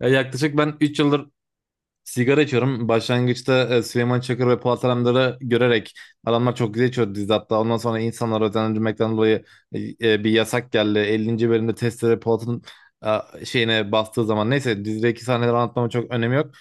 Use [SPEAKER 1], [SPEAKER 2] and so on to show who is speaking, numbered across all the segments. [SPEAKER 1] Ya yaklaşık ben 3 yıldır sigara içiyorum. Başlangıçta Süleyman Çakır ve Polat Alemdar'ı görerek adamlar çok güzel içiyordu dizide. Hatta ondan sonra insanlar özendirmekten dolayı bir yasak geldi. 50. bölümde testere Polat'ın şeyine bastığı zaman. Neyse dizideki sahneleri anlatmamın çok önemi yok.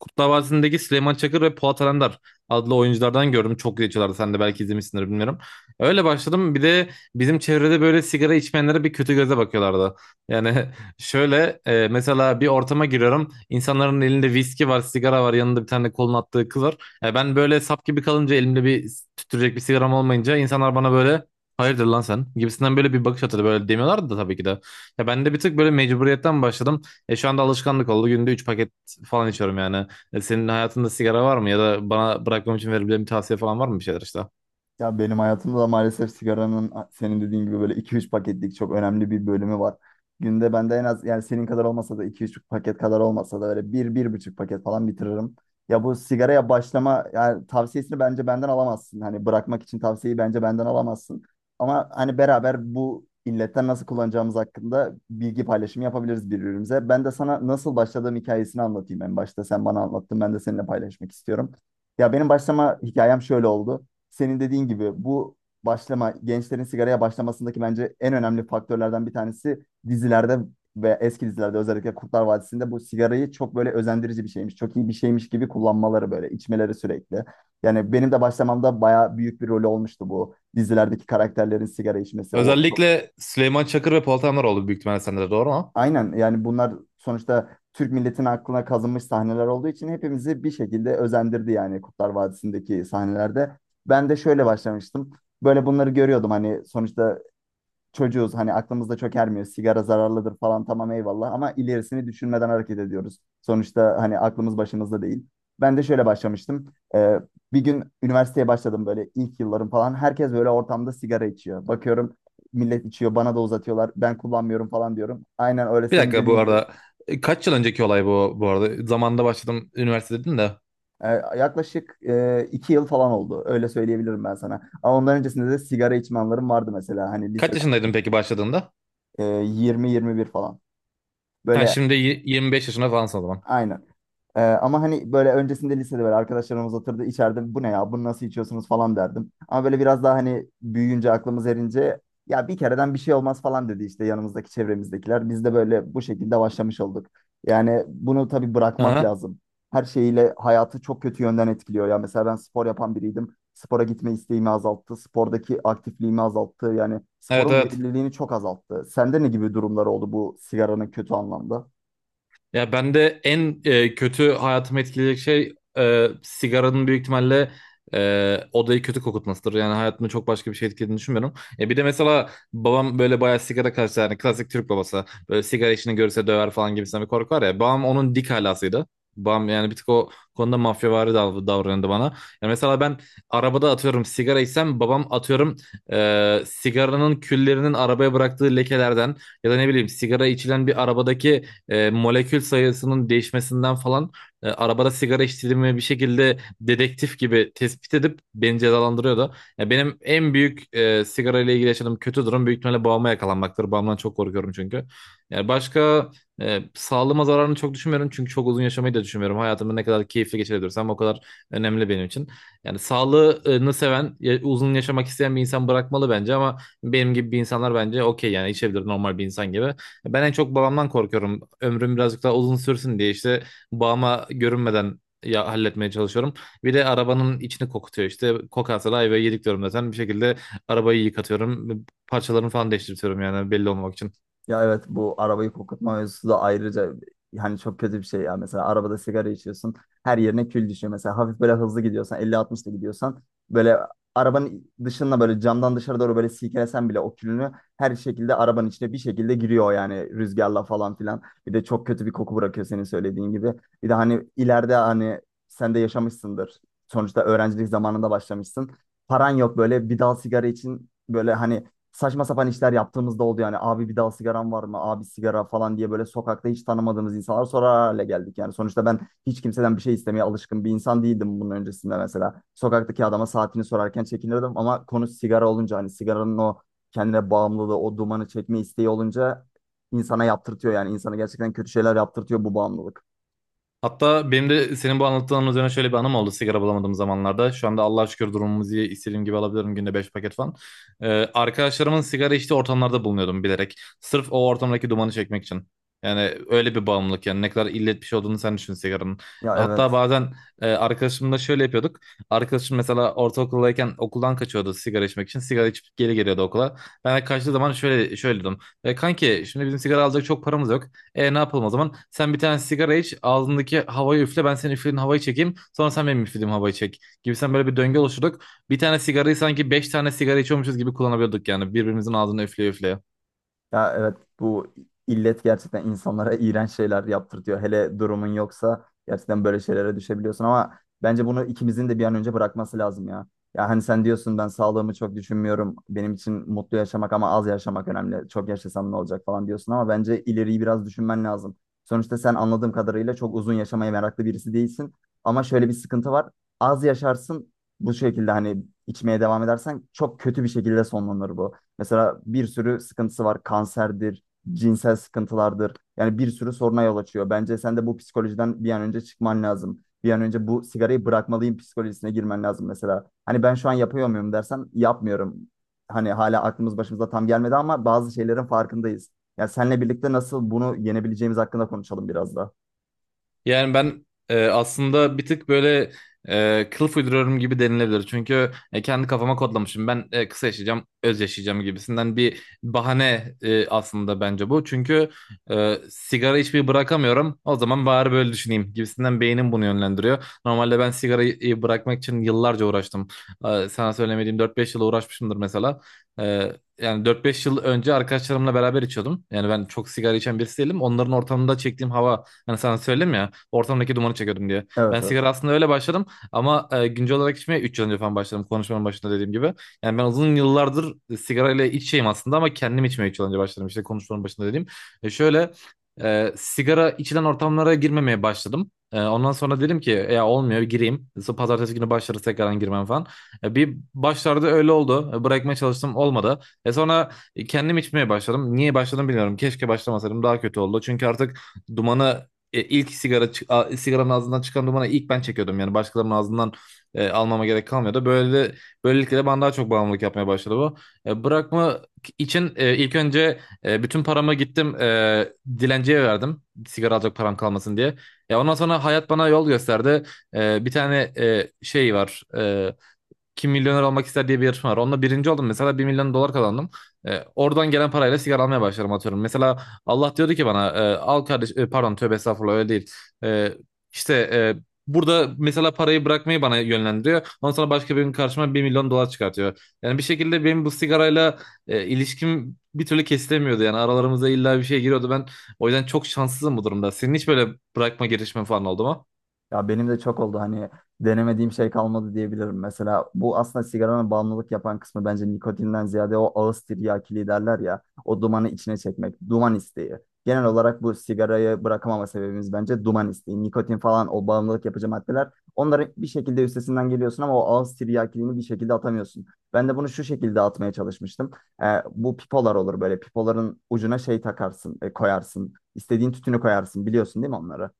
[SPEAKER 1] Kurtlar Vadisi'ndeki Süleyman Çakır ve Polat Alemdar adlı oyunculardan gördüm. Çok geçiyorlardı. Sen de belki izlemişsindir bilmiyorum. Öyle başladım. Bir de bizim çevrede böyle sigara içmeyenlere bir kötü göze bakıyorlardı. Yani şöyle mesela bir ortama giriyorum. İnsanların elinde viski var, sigara var. Yanında bir tane kolun attığı kız var. Ben böyle sap gibi kalınca elimde bir tüttürecek bir sigaram olmayınca insanlar bana böyle hayırdır lan sen gibisinden böyle bir bakış atıyordu. Böyle demiyorlardı da tabii ki de. Ya ben de bir tık böyle mecburiyetten başladım. Şu anda alışkanlık oldu. Günde 3 paket falan içiyorum yani. Senin hayatında sigara var mı ya da bana bırakmam için verebileceğin bir tavsiye falan var mı bir şeyler işte?
[SPEAKER 2] Ya benim hayatımda da maalesef sigaranın senin dediğin gibi böyle iki üç paketlik çok önemli bir bölümü var. Günde bende en az yani senin kadar olmasa da iki üç paket kadar olmasa da böyle bir bir buçuk paket falan bitiririm. Ya bu sigaraya başlama yani tavsiyesini bence benden alamazsın. Hani bırakmak için tavsiyeyi bence benden alamazsın. Ama hani beraber bu illetten nasıl kullanacağımız hakkında bilgi paylaşımı yapabiliriz birbirimize. Ben de sana nasıl başladığım hikayesini anlatayım en başta. Sen bana anlattın ben de seninle paylaşmak istiyorum. Ya benim başlama hikayem şöyle oldu senin dediğin gibi bu başlama gençlerin sigaraya başlamasındaki bence en önemli faktörlerden bir tanesi dizilerde ve eski dizilerde özellikle Kurtlar Vadisi'nde bu sigarayı çok böyle özendirici bir şeymiş, çok iyi bir şeymiş gibi kullanmaları böyle içmeleri sürekli. Yani benim de başlamamda bayağı büyük bir rolü olmuştu bu dizilerdeki karakterlerin sigara içmesi, o
[SPEAKER 1] Özellikle Süleyman Çakır ve Polat Alemdar oldu büyük ihtimalle sende de doğru mu?
[SPEAKER 2] aynen yani bunlar sonuçta Türk milletinin aklına kazınmış sahneler olduğu için hepimizi bir şekilde özendirdi yani Kurtlar Vadisi'ndeki sahnelerde. Ben de şöyle başlamıştım. Böyle bunları görüyordum hani sonuçta çocuğuz, hani aklımızda çok ermiyor. Sigara zararlıdır falan, tamam, eyvallah, ama ilerisini düşünmeden hareket ediyoruz. Sonuçta hani aklımız başımızda değil. Ben de şöyle başlamıştım. Ee, Bir gün üniversiteye başladım böyle ilk yıllarım falan. Herkes böyle ortamda sigara içiyor. Bakıyorum millet içiyor, bana da uzatıyorlar. Ben kullanmıyorum falan diyorum. Aynen öyle
[SPEAKER 1] Bir
[SPEAKER 2] senin
[SPEAKER 1] dakika bu
[SPEAKER 2] dediğin gibi.
[SPEAKER 1] arada kaç yıl önceki olay bu arada? Zamanında başladım üniversite dedin de.
[SPEAKER 2] Ee, Yaklaşık iki yıl falan oldu. Öyle söyleyebilirim ben sana. Ama ondan öncesinde de sigara içme anlarım vardı mesela. Hani lise,
[SPEAKER 1] Kaç yaşındaydın peki başladığında?
[SPEAKER 2] 20-21 falan.
[SPEAKER 1] Ha
[SPEAKER 2] Böyle,
[SPEAKER 1] şimdi 25 yaşında falansın o zaman.
[SPEAKER 2] aynen. Ama hani böyle öncesinde lisede böyle arkadaşlarımız oturdu içeride, bu ne ya, bunu nasıl içiyorsunuz falan derdim. Ama böyle biraz daha hani büyüyünce, aklımız erince, ya bir kereden bir şey olmaz falan dedi işte yanımızdaki çevremizdekiler. Biz de böyle bu şekilde başlamış olduk. Yani bunu tabii bırakmak
[SPEAKER 1] Aha.
[SPEAKER 2] lazım. Her şeyiyle hayatı çok kötü yönden etkiliyor. Ya mesela ben spor yapan biriydim. Spora gitme isteğimi azalttı. Spordaki aktifliğimi azalttı. Yani
[SPEAKER 1] Evet
[SPEAKER 2] sporun
[SPEAKER 1] evet.
[SPEAKER 2] verimliliğini çok azalttı. Sende ne gibi durumlar oldu bu sigaranın kötü anlamda?
[SPEAKER 1] Ya ben de en kötü hayatımı etkileyecek şey sigaranın büyük ihtimalle odayı kötü kokutmasıdır. Yani hayatımı çok başka bir şey etkilediğini düşünmüyorum. Bir de mesela babam böyle bayağı sigara karşı yani klasik Türk babası. Böyle sigara içini görse döver falan gibisinden bir korku var ya. Babam onun dik halasıydı. Babam yani bir tık o konuda mafyavari davranıyordu bana. Yani mesela ben arabada atıyorum sigara içsem babam atıyorum sigaranın küllerinin arabaya bıraktığı lekelerden ya da ne bileyim sigara içilen bir arabadaki molekül sayısının değişmesinden falan arabada sigara içtiğimi bir şekilde dedektif gibi tespit edip beni cezalandırıyordu. Ya benim en büyük sigara ile ilgili yaşadığım kötü durum büyük ihtimalle babama yakalanmaktır. Babamdan çok korkuyorum çünkü. Yani başka sağlığıma zararını çok düşünmüyorum çünkü çok uzun yaşamayı da düşünmüyorum. Hayatımı ne kadar keyifli geçirebilirsem o kadar önemli benim için. Yani sağlığını seven, uzun yaşamak isteyen bir insan bırakmalı bence ama benim gibi bir insanlar bence okey yani içebilir normal bir insan gibi. Ben en çok babamdan korkuyorum. Ömrüm birazcık daha uzun sürsün diye işte babama görünmeden ya halletmeye çalışıyorum. Bir de arabanın içini kokutuyor işte. Kokarsa da ayvayı yedik diyorum zaten. Bir şekilde arabayı yıkatıyorum. Parçalarını falan değiştiriyorum yani belli olmamak için.
[SPEAKER 2] Ya evet, bu arabayı kokutma mevzusu da ayrıca hani çok kötü bir şey ya. Mesela arabada sigara içiyorsun, her yerine kül düşüyor. Mesela hafif böyle hızlı gidiyorsan, elli altmışta gidiyorsan, böyle arabanın dışına böyle camdan dışarı doğru böyle silkelesen bile o külünü her şekilde arabanın içine bir şekilde giriyor yani, rüzgarla falan filan. Bir de çok kötü bir koku bırakıyor senin söylediğin gibi. Bir de hani ileride, hani sen de yaşamışsındır. Sonuçta öğrencilik zamanında başlamışsın. Paran yok, böyle bir dal sigara için böyle hani saçma sapan işler yaptığımızda oldu yani. Abi, bir daha sigaran var mı? Abi, sigara falan diye böyle sokakta hiç tanımadığımız insanlar sorar hale geldik. Yani sonuçta ben hiç kimseden bir şey istemeye alışkın bir insan değildim bunun öncesinde mesela. Sokaktaki adama saatini sorarken çekinirdim, ama konu sigara olunca hani sigaranın o kendine bağımlılığı, o dumanı çekme isteği olunca, insana yaptırtıyor yani. İnsana gerçekten kötü şeyler yaptırtıyor bu bağımlılık.
[SPEAKER 1] Hatta benim de senin bu anlattığın üzerine şöyle bir anım oldu sigara bulamadığım zamanlarda. Şu anda Allah'a şükür durumumuz iyi. İstediğim gibi alabiliyorum günde 5 paket falan. Ee, arkadaşlarımın sigara içtiği ortamlarda bulunuyordum bilerek. Sırf o ortamdaki dumanı çekmek için. Yani öyle bir bağımlılık yani ne kadar illet bir şey olduğunu sen düşün sigaranın.
[SPEAKER 2] Ya
[SPEAKER 1] Hatta
[SPEAKER 2] evet.
[SPEAKER 1] bazen arkadaşımla şöyle yapıyorduk. Arkadaşım mesela ortaokuldayken okuldan kaçıyordu sigara içmek için. Sigara içip geri geliyordu okula. Ben de kaçtığı zaman şöyle şöyle dedim. Kanki şimdi bizim sigara alacak çok paramız yok. Ne yapalım o zaman? Sen bir tane sigara iç, ağzındaki havayı üfle, ben senin üflediğin havayı çekeyim. Sonra sen benim üflediğim havayı çek. Gibi sen böyle bir döngü oluşturduk. Bir tane sigarayı sanki beş tane sigara içiyormuşuz gibi kullanabiliyorduk yani. Birbirimizin ağzını üfleye üfleye.
[SPEAKER 2] Ya evet, bu illet gerçekten insanlara iğrenç şeyler yaptırtıyor. Hele durumun yoksa gerçekten böyle şeylere düşebiliyorsun, ama bence bunu ikimizin de bir an önce bırakması lazım ya. Ya hani sen diyorsun ben sağlığımı çok düşünmüyorum. Benim için mutlu yaşamak ama az yaşamak önemli. Çok yaşasam ne olacak falan diyorsun, ama bence ileriyi biraz düşünmen lazım. Sonuçta sen anladığım kadarıyla çok uzun yaşamaya meraklı birisi değilsin. Ama şöyle bir sıkıntı var. Az yaşarsın bu şekilde, hani içmeye devam edersen çok kötü bir şekilde sonlanır bu. Mesela bir sürü sıkıntısı var. Kanserdir, cinsel sıkıntılardır. Yani bir sürü soruna yol açıyor. Bence sen de bu psikolojiden bir an önce çıkman lazım. Bir an önce bu sigarayı bırakmalıyım psikolojisine girmen lazım mesela. Hani ben şu an yapıyor muyum dersen, yapmıyorum. Hani hala aklımız başımıza tam gelmedi, ama bazı şeylerin farkındayız. Ya senle birlikte nasıl bunu yenebileceğimiz hakkında konuşalım biraz da.
[SPEAKER 1] Yani ben aslında bir tık böyle kılıf uyduruyorum gibi denilebilir. Çünkü kendi kafama kodlamışım. Ben kısa yaşayacağım, öz yaşayacağım gibisinden bir bahane aslında bence bu. Çünkü sigara içmeyi bırakamıyorum. O zaman bari böyle düşüneyim gibisinden beynim bunu yönlendiriyor. Normalde ben sigarayı bırakmak için yıllarca uğraştım. Sana söylemediğim dört beş yıl uğraşmışımdır mesela. E, Yani dört beş yıl önce arkadaşlarımla beraber içiyordum. Yani ben çok sigara içen birisi değilim. Onların ortamında çektiğim hava. Hani sana söyledim ya ortamdaki dumanı çekiyordum diye. Ben
[SPEAKER 2] Evet, evet.
[SPEAKER 1] sigara aslında öyle başladım ama güncel olarak içmeye 3 yıl önce falan başladım konuşmanın başında dediğim gibi. Yani ben uzun yıllardır sigara ile içeyim aslında ama kendim içmeye 3 yıl önce başladım işte konuşmanın başında dediğim. Şöyle sigara içilen ortamlara girmemeye başladım. Ondan sonra dedim ki ya olmuyor gireyim. Sonra Pazartesi günü başlarız tekrardan girmem falan. Bir başlarda öyle oldu. Bırakmaya çalıştım olmadı. Sonra kendim içmeye başladım. Niye başladım bilmiyorum. Keşke başlamasaydım daha kötü oldu. Çünkü artık dumanı e, ilk sigara çı- a- sigaranın ağzından çıkan dumanı ilk ben çekiyordum yani başkalarının ağzından almama gerek kalmıyordu. Böyle böylelikle de bana daha çok bağımlılık yapmaya başladı bu. Bırakma için ilk önce bütün paramı gittim dilenciye verdim. Sigara alacak param kalmasın diye. Ya ondan sonra hayat bana yol gösterdi. Bir tane şey var. Kim milyoner olmak ister diye bir yarışma var. Onunla birinci oldum mesela 1 milyon dolar kazandım. Oradan gelen parayla sigara almaya başlarım atıyorum. Mesela Allah diyordu ki bana al kardeş pardon tövbe estağfurullah öyle değil. E, işte burada mesela parayı bırakmayı bana yönlendiriyor. Ondan sonra başka birinin karşıma 1 milyon dolar çıkartıyor. Yani bir şekilde benim bu sigarayla ilişkim bir türlü kesilemiyordu. Yani aralarımıza illa bir şey giriyordu. Ben o yüzden çok şanssızım bu durumda. Senin hiç böyle bırakma girişimin falan oldu mu?
[SPEAKER 2] Ya benim de çok oldu, hani denemediğim şey kalmadı diyebilirim. Mesela bu aslında sigaranın bağımlılık yapan kısmı bence nikotinden ziyade o ağız tiryakiliği derler ya, o dumanı içine çekmek, duman isteği. Genel olarak bu sigarayı bırakamama sebebimiz bence duman isteği. Nikotin falan, o bağımlılık yapıcı maddeler, onların bir şekilde üstesinden geliyorsun ama o ağız tiryakiliğini bir şekilde atamıyorsun. Ben de bunu şu şekilde atmaya çalışmıştım. Ee, Bu pipolar olur, böyle pipoların ucuna şey takarsın, koyarsın. İstediğin tütünü koyarsın, biliyorsun değil mi onları?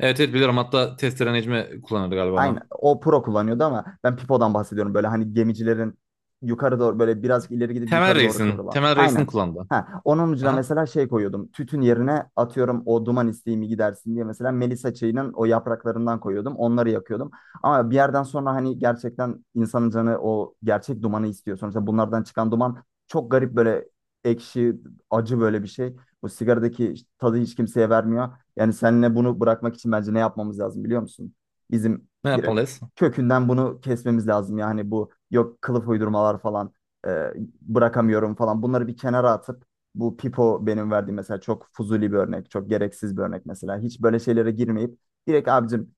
[SPEAKER 1] Evet evet biliyorum. Hatta testere Necmi kullanırdı galiba
[SPEAKER 2] Aynı.
[SPEAKER 1] onu.
[SPEAKER 2] O pro kullanıyordu, ama ben pipodan bahsediyorum. Böyle hani gemicilerin yukarı doğru böyle biraz ileri gidip
[SPEAKER 1] Temel
[SPEAKER 2] yukarı doğru
[SPEAKER 1] Reis'in.
[SPEAKER 2] kıvrılan.
[SPEAKER 1] Temel Reis'in
[SPEAKER 2] Aynen.
[SPEAKER 1] kullandı.
[SPEAKER 2] Ha, onun ucuna
[SPEAKER 1] Aha.
[SPEAKER 2] mesela şey koyuyordum. Tütün yerine atıyorum o duman isteğimi gidersin diye, mesela Melisa çayının o yapraklarından koyuyordum. Onları yakıyordum. Ama bir yerden sonra hani gerçekten insanın canı o gerçek dumanı istiyor. Sonuçta bunlardan çıkan duman çok garip, böyle ekşi, acı böyle bir şey. Bu sigaradaki işte tadı hiç kimseye vermiyor. Yani seninle bunu bırakmak için bence ne yapmamız lazım biliyor musun? Bizim
[SPEAKER 1] Ne
[SPEAKER 2] direkt
[SPEAKER 1] yapmalıyız?
[SPEAKER 2] kökünden bunu kesmemiz lazım. Yani bu yok kılıf uydurmalar falan, e, bırakamıyorum falan, bunları bir kenara atıp, bu pipo benim verdiğim mesela çok fuzuli bir örnek, çok gereksiz bir örnek mesela. Hiç böyle şeylere girmeyip direkt abicim,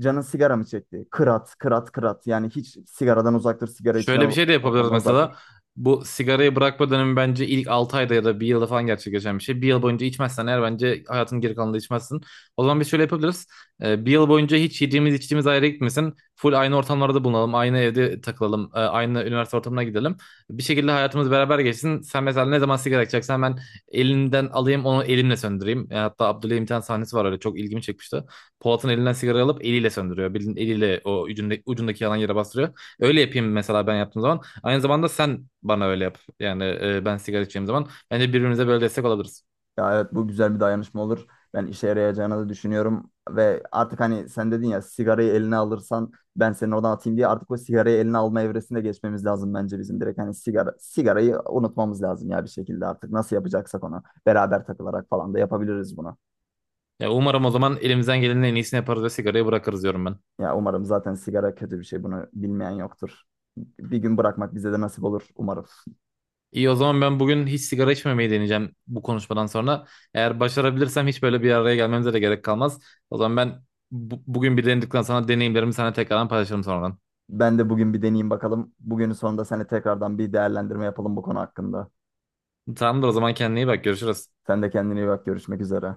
[SPEAKER 2] canın sigara mı çekti? Kırat, kırat, kırat. Yani hiç sigaradan uzak dur, sigara
[SPEAKER 1] Şöyle bir
[SPEAKER 2] içilen
[SPEAKER 1] şey de yapabiliriz
[SPEAKER 2] ortamdan uzak dur.
[SPEAKER 1] mesela. Bu sigarayı bırakma dönemi bence ilk 6 ayda ya da bir yılda falan gerçekleşen bir şey. Bir yıl boyunca içmezsen eğer bence hayatın geri kalanında içmezsin. O zaman biz şöyle yapabiliriz. Bir yıl boyunca hiç yediğimiz içtiğimiz ayrı gitmesin. Full aynı ortamlarda bulunalım. Aynı evde takılalım. Aynı üniversite ortamına gidelim. Bir şekilde hayatımız beraber geçsin. Sen mesela ne zaman sigara içeceksen ben elinden alayım onu elimle söndüreyim. Hatta Abdülhamit bir tane sahnesi var öyle çok ilgimi çekmişti. Polat'ın elinden sigara alıp eliyle söndürüyor. Bildiğin eliyle o ucundaki yalan yere bastırıyor. Öyle yapayım mesela ben yaptığım zaman. Aynı zamanda sen bana öyle yap. Yani ben sigara içeceğim zaman. Bence birbirimize böyle destek olabiliriz.
[SPEAKER 2] Ya evet, bu güzel bir dayanışma olur. Ben işe yarayacağını da düşünüyorum ve artık hani sen dedin ya, sigarayı eline alırsan ben seni oradan atayım diye, artık o sigarayı eline alma evresine geçmemiz lazım bence bizim, direkt hani sigarayı unutmamız lazım ya, bir şekilde artık nasıl yapacaksak onu beraber takılarak falan da yapabiliriz bunu.
[SPEAKER 1] Ya umarım o zaman elimizden gelenin en iyisini yaparız ve sigarayı bırakırız diyorum ben.
[SPEAKER 2] Ya umarım, zaten sigara kötü bir şey, bunu bilmeyen yoktur. Bir gün bırakmak bize de nasip olur umarım.
[SPEAKER 1] İyi o zaman ben bugün hiç sigara içmemeyi deneyeceğim bu konuşmadan sonra. Eğer başarabilirsem hiç böyle bir araya gelmemize de gerek kalmaz. O zaman ben bugün bir denedikten sonra deneyimlerimi sana tekrardan paylaşırım sonradan.
[SPEAKER 2] Ben de bugün bir deneyeyim bakalım. Bugünün sonunda seninle tekrardan bir değerlendirme yapalım bu konu hakkında.
[SPEAKER 1] Tamamdır o zaman kendine iyi bak görüşürüz.
[SPEAKER 2] Sen de kendine iyi bak, görüşmek üzere.